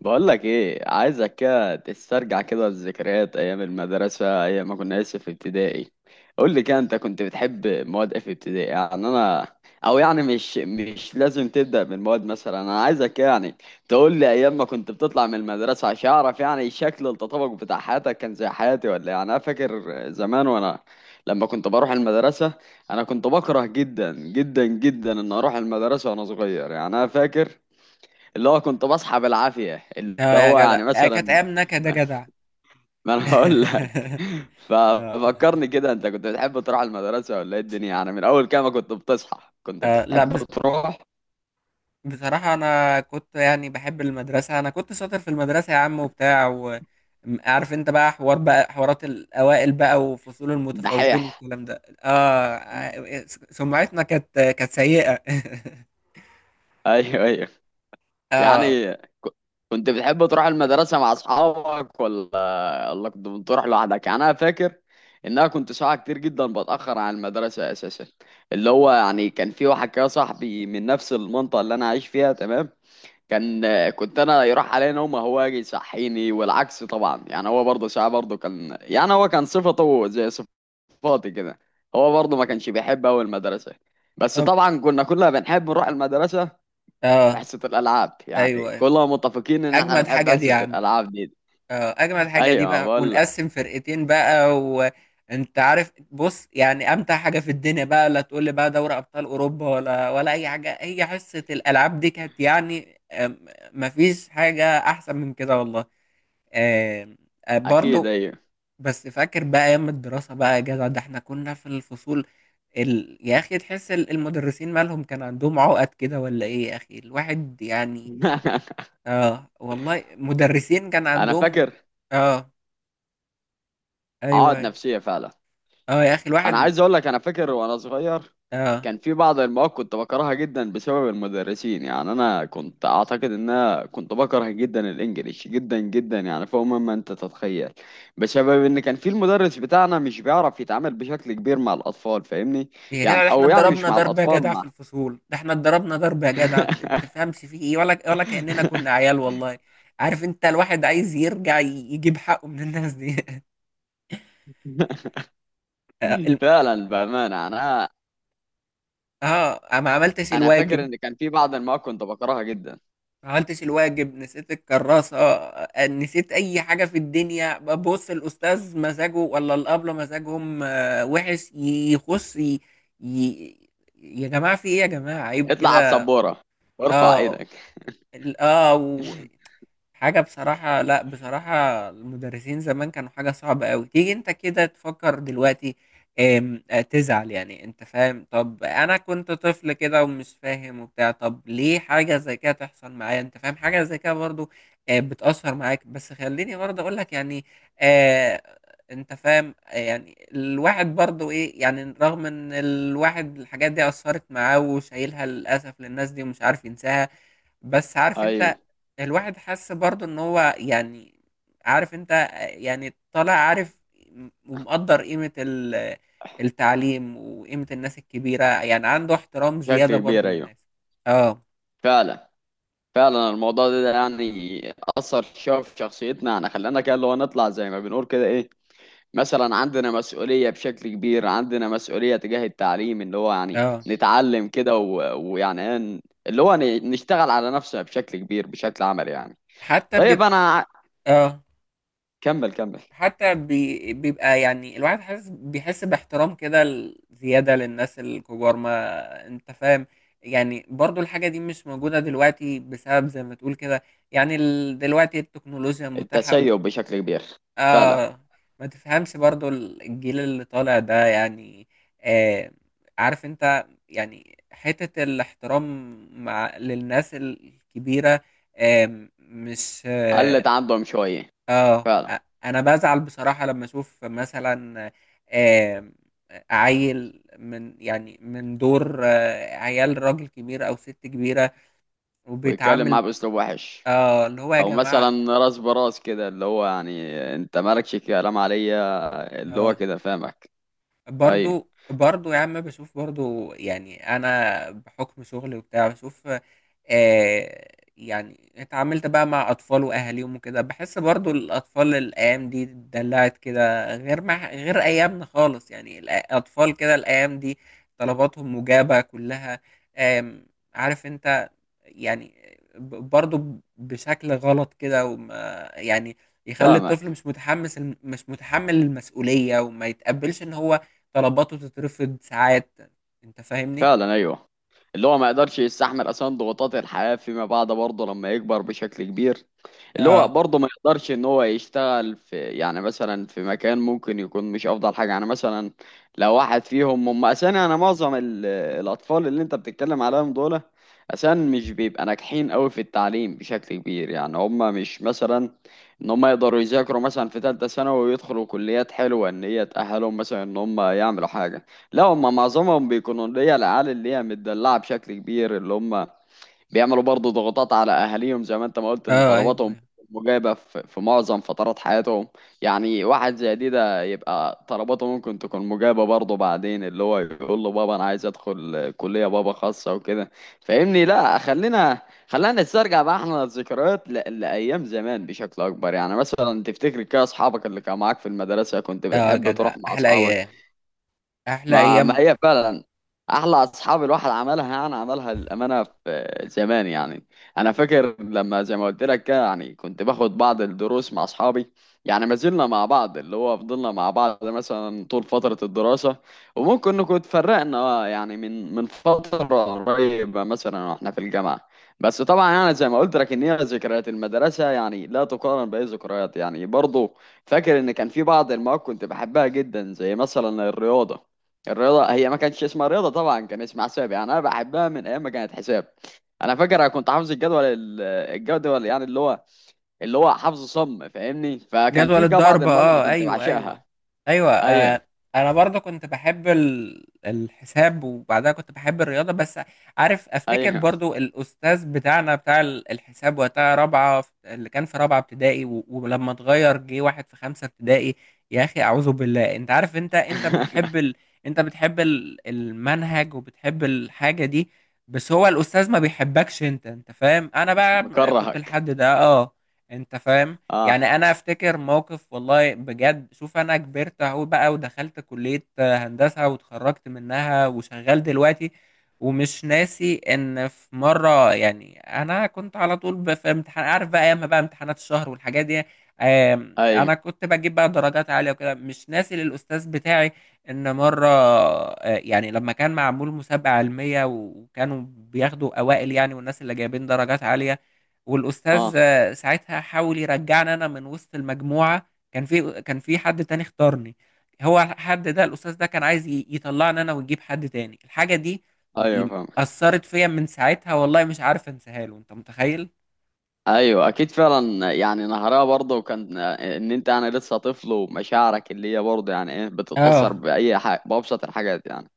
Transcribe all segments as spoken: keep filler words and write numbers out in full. بقولك ايه، عايزك كده تسترجع كده الذكريات ايام المدرسة، ايام ما كنا لسه في ابتدائي. قول لي كده، انت كنت بتحب مواد ايه في ابتدائي؟ يعني انا، او يعني مش مش لازم تبدأ من مواد، مثلا انا عايزك كده يعني تقول لي ايام ما كنت بتطلع من المدرسة عشان اعرف يعني شكل التطابق بتاع حياتك كان زي حياتي ولا إيه. يعني انا فاكر زمان وانا لما كنت بروح المدرسة، انا كنت بكره جدا جدا جدا ان اروح المدرسة وانا صغير. يعني انا فاكر اللي هو كنت بصحى بالعافية، اللي اه يا هو جدع، يعني آه، كانت مثلا ايام نكد يا جدع. ما انا هقول لك آه. ففكرني كده، انت كنت بتحب تروح المدرسة ولا ايه الدنيا؟ يعني من اول كام كنت بتصحى؟ كنت آه، لا، بتحب بس تروح؟ بصراحة أنا كنت يعني بحب المدرسة. أنا كنت شاطر في المدرسة يا عم وبتاع، وعارف أنت بقى حوار بقى حوارات الأوائل بقى وفصول المتفوقين دحيح. والكلام ده. آه آه، سمعتنا كانت كانت سيئة. ايوه ايوه. آه. يعني ك- كنت بتحب تروح المدرسة مع اصحابك، ولا ولا كنت بتروح لوحدك؟ يعني انا فاكر ان انا كنت ساعة كتير جدا بتأخر عن المدرسة اساسا. اللي هو يعني كان في واحد كده صاحبي من نفس المنطقة اللي انا عايش فيها، تمام. كان كنت انا يروح عليا نومه، هو يجي يصحيني والعكس طبعا. يعني هو برضه ساعه برضه كان، يعني هو كان صفته زي صفاتي كده، هو برضه ما كانش بيحب أوي المدرسه. بس طب. طبعا كنا كلنا بنحب نروح المدرسه في آه. حصه الالعاب. أيوه يعني أيوه. كلنا متفقين ان احنا أجمد بنحب حاجة دي حصه يا عم. الالعاب دي. اه، اجمل حاجه دي ايوه ما بقى، بقول لك. ونقسم فرقتين بقى، وانت عارف، بص، يعني امتع حاجه في الدنيا بقى. لا تقول لي بقى دوري ابطال اوروبا ولا ولا اي حاجه. هي حصه الالعاب دي كانت يعني. آم، مفيش حاجه احسن من كده والله. آم، آه، اكيد برضو، ايوه. بس فاكر بقى ايام الدراسه بقى يا جدع، ده احنا كنا في الفصول. ال... يا اخي، تحس ال- المدرسين مالهم، كان عندهم عقد كده ولا ايه يا اخي، الواحد يعني. اه والله، مدرسين كان انا عندهم. فاكر اه. عقد ايوه. نفسيه فعلا. اه يا اخي، انا الواحد. عايز اقول لك، انا فاكر وانا صغير اه، كان في بعض المواد كنت بكرهها جدا بسبب المدرسين. يعني انا كنت اعتقد ان انا كنت بكره جدا الانجليش جدا جدا، يعني فوق مما انت تتخيل، بسبب ان كان في المدرس بتاعنا مش بيعرف يتعامل بشكل كبير مع الاطفال، فاهمني. هي يعني كده، احنا او يعني مش اتضربنا مع ضرب يا الاطفال، جدع مع في الفصول. ده احنا اتضربنا ضرب يا جدع، بت- ما تفهمش فيه ايه، ولا ولا كأننا كنا عيال والله. عارف انت، الواحد عايز يرجع، ي- يجيب حقه من الناس دي. اه. الم- فعلا بامانه. يعني انا آه، ما عملتش انا فاكر الواجب. ان كان في بعض المواد كنت بكرهها جدا. ما عملتش الواجب، نسيت الكراسة، آه، نسيت اي حاجة في الدنيا. بص، الاستاذ مزاجه ولا الابلة مزاجهم آه، وحش. ي- يخش. ي... ي... يا جماعة في ايه؟ يا جماعة، عيب اطلع على كده. السبوره وارفع اه. ايدك. ال- اه، حاجة بصراحة. لا، بصراحة المدرسين زمان كانوا حاجة صعبة أوي، تيجي أنت كده تفكر دلوقتي آم، آه، تزعل يعني. أنت فاهم؟ طب أنا كنت طفل كده ومش فاهم وبتاع. طب ليه حاجة زي كده تحصل معايا؟ أنت فاهم حاجة زي كده؟ برضو آه، بتأثر معاك. بس خليني برضه أقول لك يعني، آه، أنت فاهم آه، يعني الواحد برضو إيه، يعني رغم إن الواحد الحاجات دي أثرت معاه وشايلها للأسف للناس دي، ومش عارف ينساها. بس عارف انت، ايوه الواحد حس برضو ان هو يعني، عارف انت، يعني طالع عارف، ومقدر قيمة ال- التعليم وقيمة الناس الكبيرة، يعني عنده احترام زيادة بشكل برضو كبير، ايوه للناس. اه. فعلا. فعلا الموضوع ده, ده يعني أثر شوية في شخصيتنا، يعني خلانا كده اللي هو نطلع زي ما بنقول كده إيه، مثلا عندنا مسؤولية بشكل كبير، عندنا مسؤولية تجاه التعليم، اللي هو يعني اه، نتعلم كده و- ويعني إيه ن- اللي هو ن- نشتغل على نفسنا بشكل كبير بشكل عملي يعني. حتى طيب بيبقى. أنا ع- اه، كمل كمل. حتى بي... بيبقى يعني الواحد حاسس، بيحس باحترام كده، ال- زيادة للناس الكبار، ما انت فاهم. يعني برضو الحاجة دي مش موجودة دلوقتي، بسبب زي ما تقول كده. يعني ال... دلوقتي التكنولوجيا متاحة. التسيب بشكل كبير فعلا. اه. ما تفهمش برضو الجيل اللي طالع ده يعني. آه. عارف انت، يعني حتة الاحترام مع للناس الكبيرة آه مش اه, قلت عندهم شوية، آه، فعلا. انا بزعل بصراحة لما اشوف مثلا آه عيل من يعني، من دور آه عيال راجل كبير او ست كبيرة، ويتكلم وبيتعامل. معاه بأسلوب وحش، اه، اللي هو يا او جماعة. مثلا راس براس كده، اللي هو يعني انت مالكش كلام عليا، اللي هو اه، كده فاهمك. ايوه برضو برضو يا عم، بشوف برضو، يعني انا بحكم شغلي وبتاع بشوف. آه يعني اتعاملت بقى مع اطفال واهاليهم وكده، بحس برضو الاطفال الايام دي اتدلعت كده، غير مع غير ايامنا خالص. يعني الاطفال كده الايام دي طلباتهم مجابة كلها. آم، عارف انت، يعني ب- برضه بشكل غلط كده، وما يعني يخلي الطفل فاهمك مش متحمس، مش متحمل المسؤولية، وما يتقبلش ان هو طلباته تترفض ساعات. انت فاهمني؟ فعلا ايوه. اللي هو ما يقدرش يستحمل اصلا ضغوطات الحياه فيما بعد برضه لما يكبر بشكل كبير، اللي هو اه برضه ما يقدرش ان هو يشتغل في يعني مثلا في مكان ممكن يكون مش افضل حاجه، يعني مثلا لو واحد فيهم هم اساسا. انا معظم ال- الاطفال اللي انت بتتكلم عليهم دول اساسا مش بيبقى ناجحين قوي في التعليم بشكل كبير. يعني هم مش مثلا ان هم يقدروا يذاكروا مثلا في ثالثه ثانوي ويدخلوا كليات حلوه ان هي تاهلهم مثلا ان هم يعملوا حاجه. لا، هم معظمهم بيكونوا اللي هي العيال اللي هي متدلعه بشكل كبير، اللي هم بيعملوا برضه ضغوطات على اهاليهم زي ما انت ما قلت، ان اه، ايوه طلباتهم ايوه. مجابه في في معظم فترات حياتهم. يعني واحد زي دي ده يبقى طلباته ممكن تكون مجابه برضه بعدين، اللي هو يقول له بابا انا عايز ادخل كليه بابا خاصه وكده. فاهمني. لا خلينا، خلينا نسترجع بقى احنا الذكريات ل- لايام زمان بشكل اكبر. يعني مثلا تفتكر كده اصحابك اللي كانوا معاك في المدرسه؟ كنت اه بتحب جدع، تروح مع احلى اصحابك؟ ايام. احلى ما ايام. ما هي فعلا احلى اصحاب الواحد عملها يعني عملها للامانه في زمان. يعني انا فاكر لما زي ما قلت لك كده، يعني كنت باخد بعض الدروس مع اصحابي. يعني ما زلنا مع بعض، اللي هو فضلنا مع بعض مثلا طول فتره الدراسه، وممكن نكون اتفرقنا آه، يعني من من فتره قريبه مثلا واحنا في الجامعه. بس طبعا يعني زي ما قلت لك ان هي ذكريات المدرسه يعني لا تقارن باي ذكريات يعني. برضه فاكر ان كان في بعض المواد كنت بحبها جدا زي مثلا الرياضه. الرياضة هي ما كانتش اسمها رياضة طبعا، كان اسمها حساب. يعني أنا بحبها من أيام ما كانت حساب. أنا فاكر أنا كنت حافظ الجدول ال- الجدول يعني اللي هو، اللي هو حفظ صم فاهمني. فكان جدول في كده بعض الضرب. المواد اللي اه، كنت ايوه ايوه. بعشقها. ايوه. أيوه آه. انا برضه كنت بحب ال- الحساب، وبعدها كنت بحب الرياضه بس. عارف، افتكر أيوه. برضه الاستاذ بتاعنا بتاع ال- الحساب وقتها، رابعه في- اللي كان في رابعه ابتدائي، و- ولما اتغير جه واحد في خمسه ابتدائي، يا اخي اعوذ بالله. انت عارف، انت انت بتحب ال... انت بتحب ال- المنهج، وبتحب الحاجه دي، بس هو الاستاذ ما بيحبكش. انت انت فاهم؟ انا بقى كنت مكرهك. الحد ده، اه. انت فاهم، أه يعني انا افتكر موقف والله بجد. شوف، انا كبرت اهو بقى، ودخلت كلية هندسة واتخرجت منها وشغال دلوقتي. ومش ناسي ان في مرة، يعني انا كنت على طول ب- في امتحان، عارف بقى ايام بقى امتحانات الشهر والحاجات دي، آم، أيوه. انا كنت بجيب بقى درجات عالية وكده. مش ناسي للاستاذ بتاعي، ان مرة آه، يعني لما كان معمول مسابقة علمية، وكانوا بياخدوا اوائل يعني، والناس اللي جايبين درجات عالية، أه والاستاذ ساعتها حاول يرجعني انا من وسط المجموعه. كان في كان في حد تاني اختارني. هو الحد ده الاستاذ ده كان عايز ي- يطلعني انا ويجيب حد تاني. الحاجه دي أيوه ب- فاهم. اثرت فيا من ساعتها والله، مش عارف انساها له. انت متخيل؟ أيوه أكيد فعلا. يعني نهرها برضه كان إن أنت يعني لسه طفل ومشاعرك اللي هي برضه يعني إيه بتتأثر اه. بأي حاجة، بأبسط الحاجات يعني.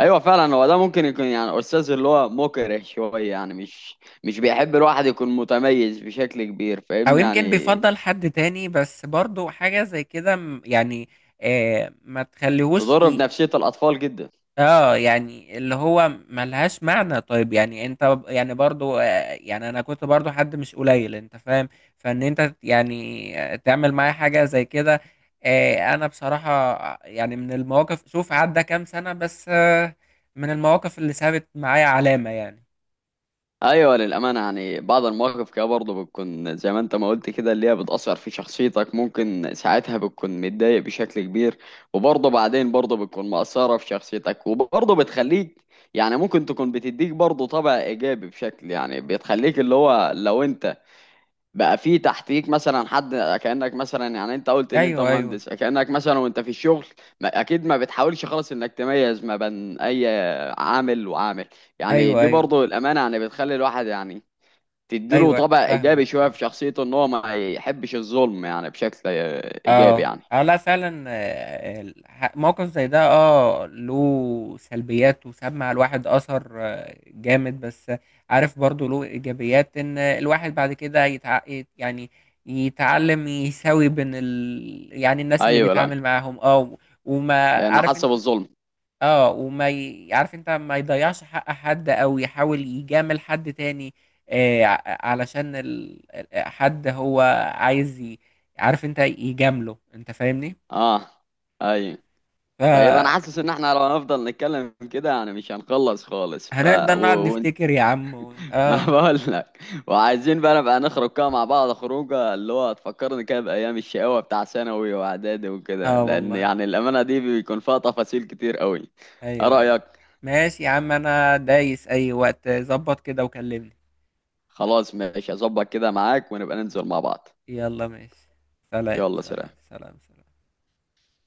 ايوه فعلا، هو ده ممكن يكون يعني استاذ اللي هو مكره شويه، يعني مش مش بيحب الواحد يكون متميز بشكل كبير، او فاهمني يمكن يعني. بيفضل حد تاني، بس برضو حاجه زي كده م- يعني. آه ما تخليهوش تضر ي- بنفسيه الاطفال جدا. اه، يعني اللي هو ملهاش معنى. طيب يعني انت ب- يعني برضو آه، يعني انا كنت برضو حد مش قليل، انت فاهم. فان انت يعني آه، تعمل معايا حاجة زي كده. آه، انا بصراحة آه، يعني من المواقف. شوف، عدى كام سنة بس آه، من المواقف اللي سابت معايا علامة يعني. ايوه للامانه. يعني بعض المواقف كده برضه بتكون زي ما انت ما قلت كده، اللي هي بتاثر في شخصيتك. ممكن ساعتها بتكون متضايق بشكل كبير، وبرضه بعدين برضه بتكون مأثره في شخصيتك وبرضه بتخليك يعني ممكن تكون بتديك برضه طبع ايجابي بشكل. يعني بتخليك اللي هو لو انت بقى في تحتيك مثلا حد، كأنك مثلا يعني انت قلت ان انت ايوه ايوه مهندس، كأنك مثلا وانت في الشغل ما اكيد ما بتحاولش خالص انك تميز ما بين اي عامل وعامل. يعني ايوه دي ايوه برضو الامانة، يعني بتخلي الواحد يعني تديله ايوه. طبع ايجابي فاهمك شوية فاهمك. في شخصيته ان هو ما يحبش الظلم، يعني بشكل ايجابي اه يعني. اه، لا، فعلا آه، الح- موقف زي ده، اه، له سلبيات، وساب على الواحد اثر آه، جامد. بس عارف، برضو له ايجابيات. ان الواحد بعد كده، يتع... يت- يعني يتعلم يساوي بين ال... يعني الناس اللي ايوه لان، بيتعامل معاهم، اه. و- وما، لان عارف حاسه انت، بالظلم. اه. وما ي... عارف انت، ما يضيعش حق حد، او يحاول يجامل حد تاني، آه ع- علشان ال... ال- حد هو عايز ي... عارف انت، يجامله، انت فاهمني؟ اه ايوه. طيب انا فهنبدأ. حاسس ان احنا لو هنفضل نتكلم كده يعني مش هنخلص خالص. ف نقعد و... و... نفتكر يا عم. و... ما اه. بقول لك، وعايزين بقى نبقى نخرج كده مع بعض خروجه، اللي هو تفكرني كده بايام الشقاوه بتاع ثانوي واعدادي وكده، اه لان والله، يعني الامانه دي بيكون فيها تفاصيل كتير قوي. ايه ايوه ايوه. رايك؟ ماشي يا عم، انا دايس اي وقت، ظبط كده وكلمني. خلاص ماشي، اظبط كده معاك ونبقى ننزل مع بعض. يلا ماشي. سلام يلا سلام. سلام سلام سلام.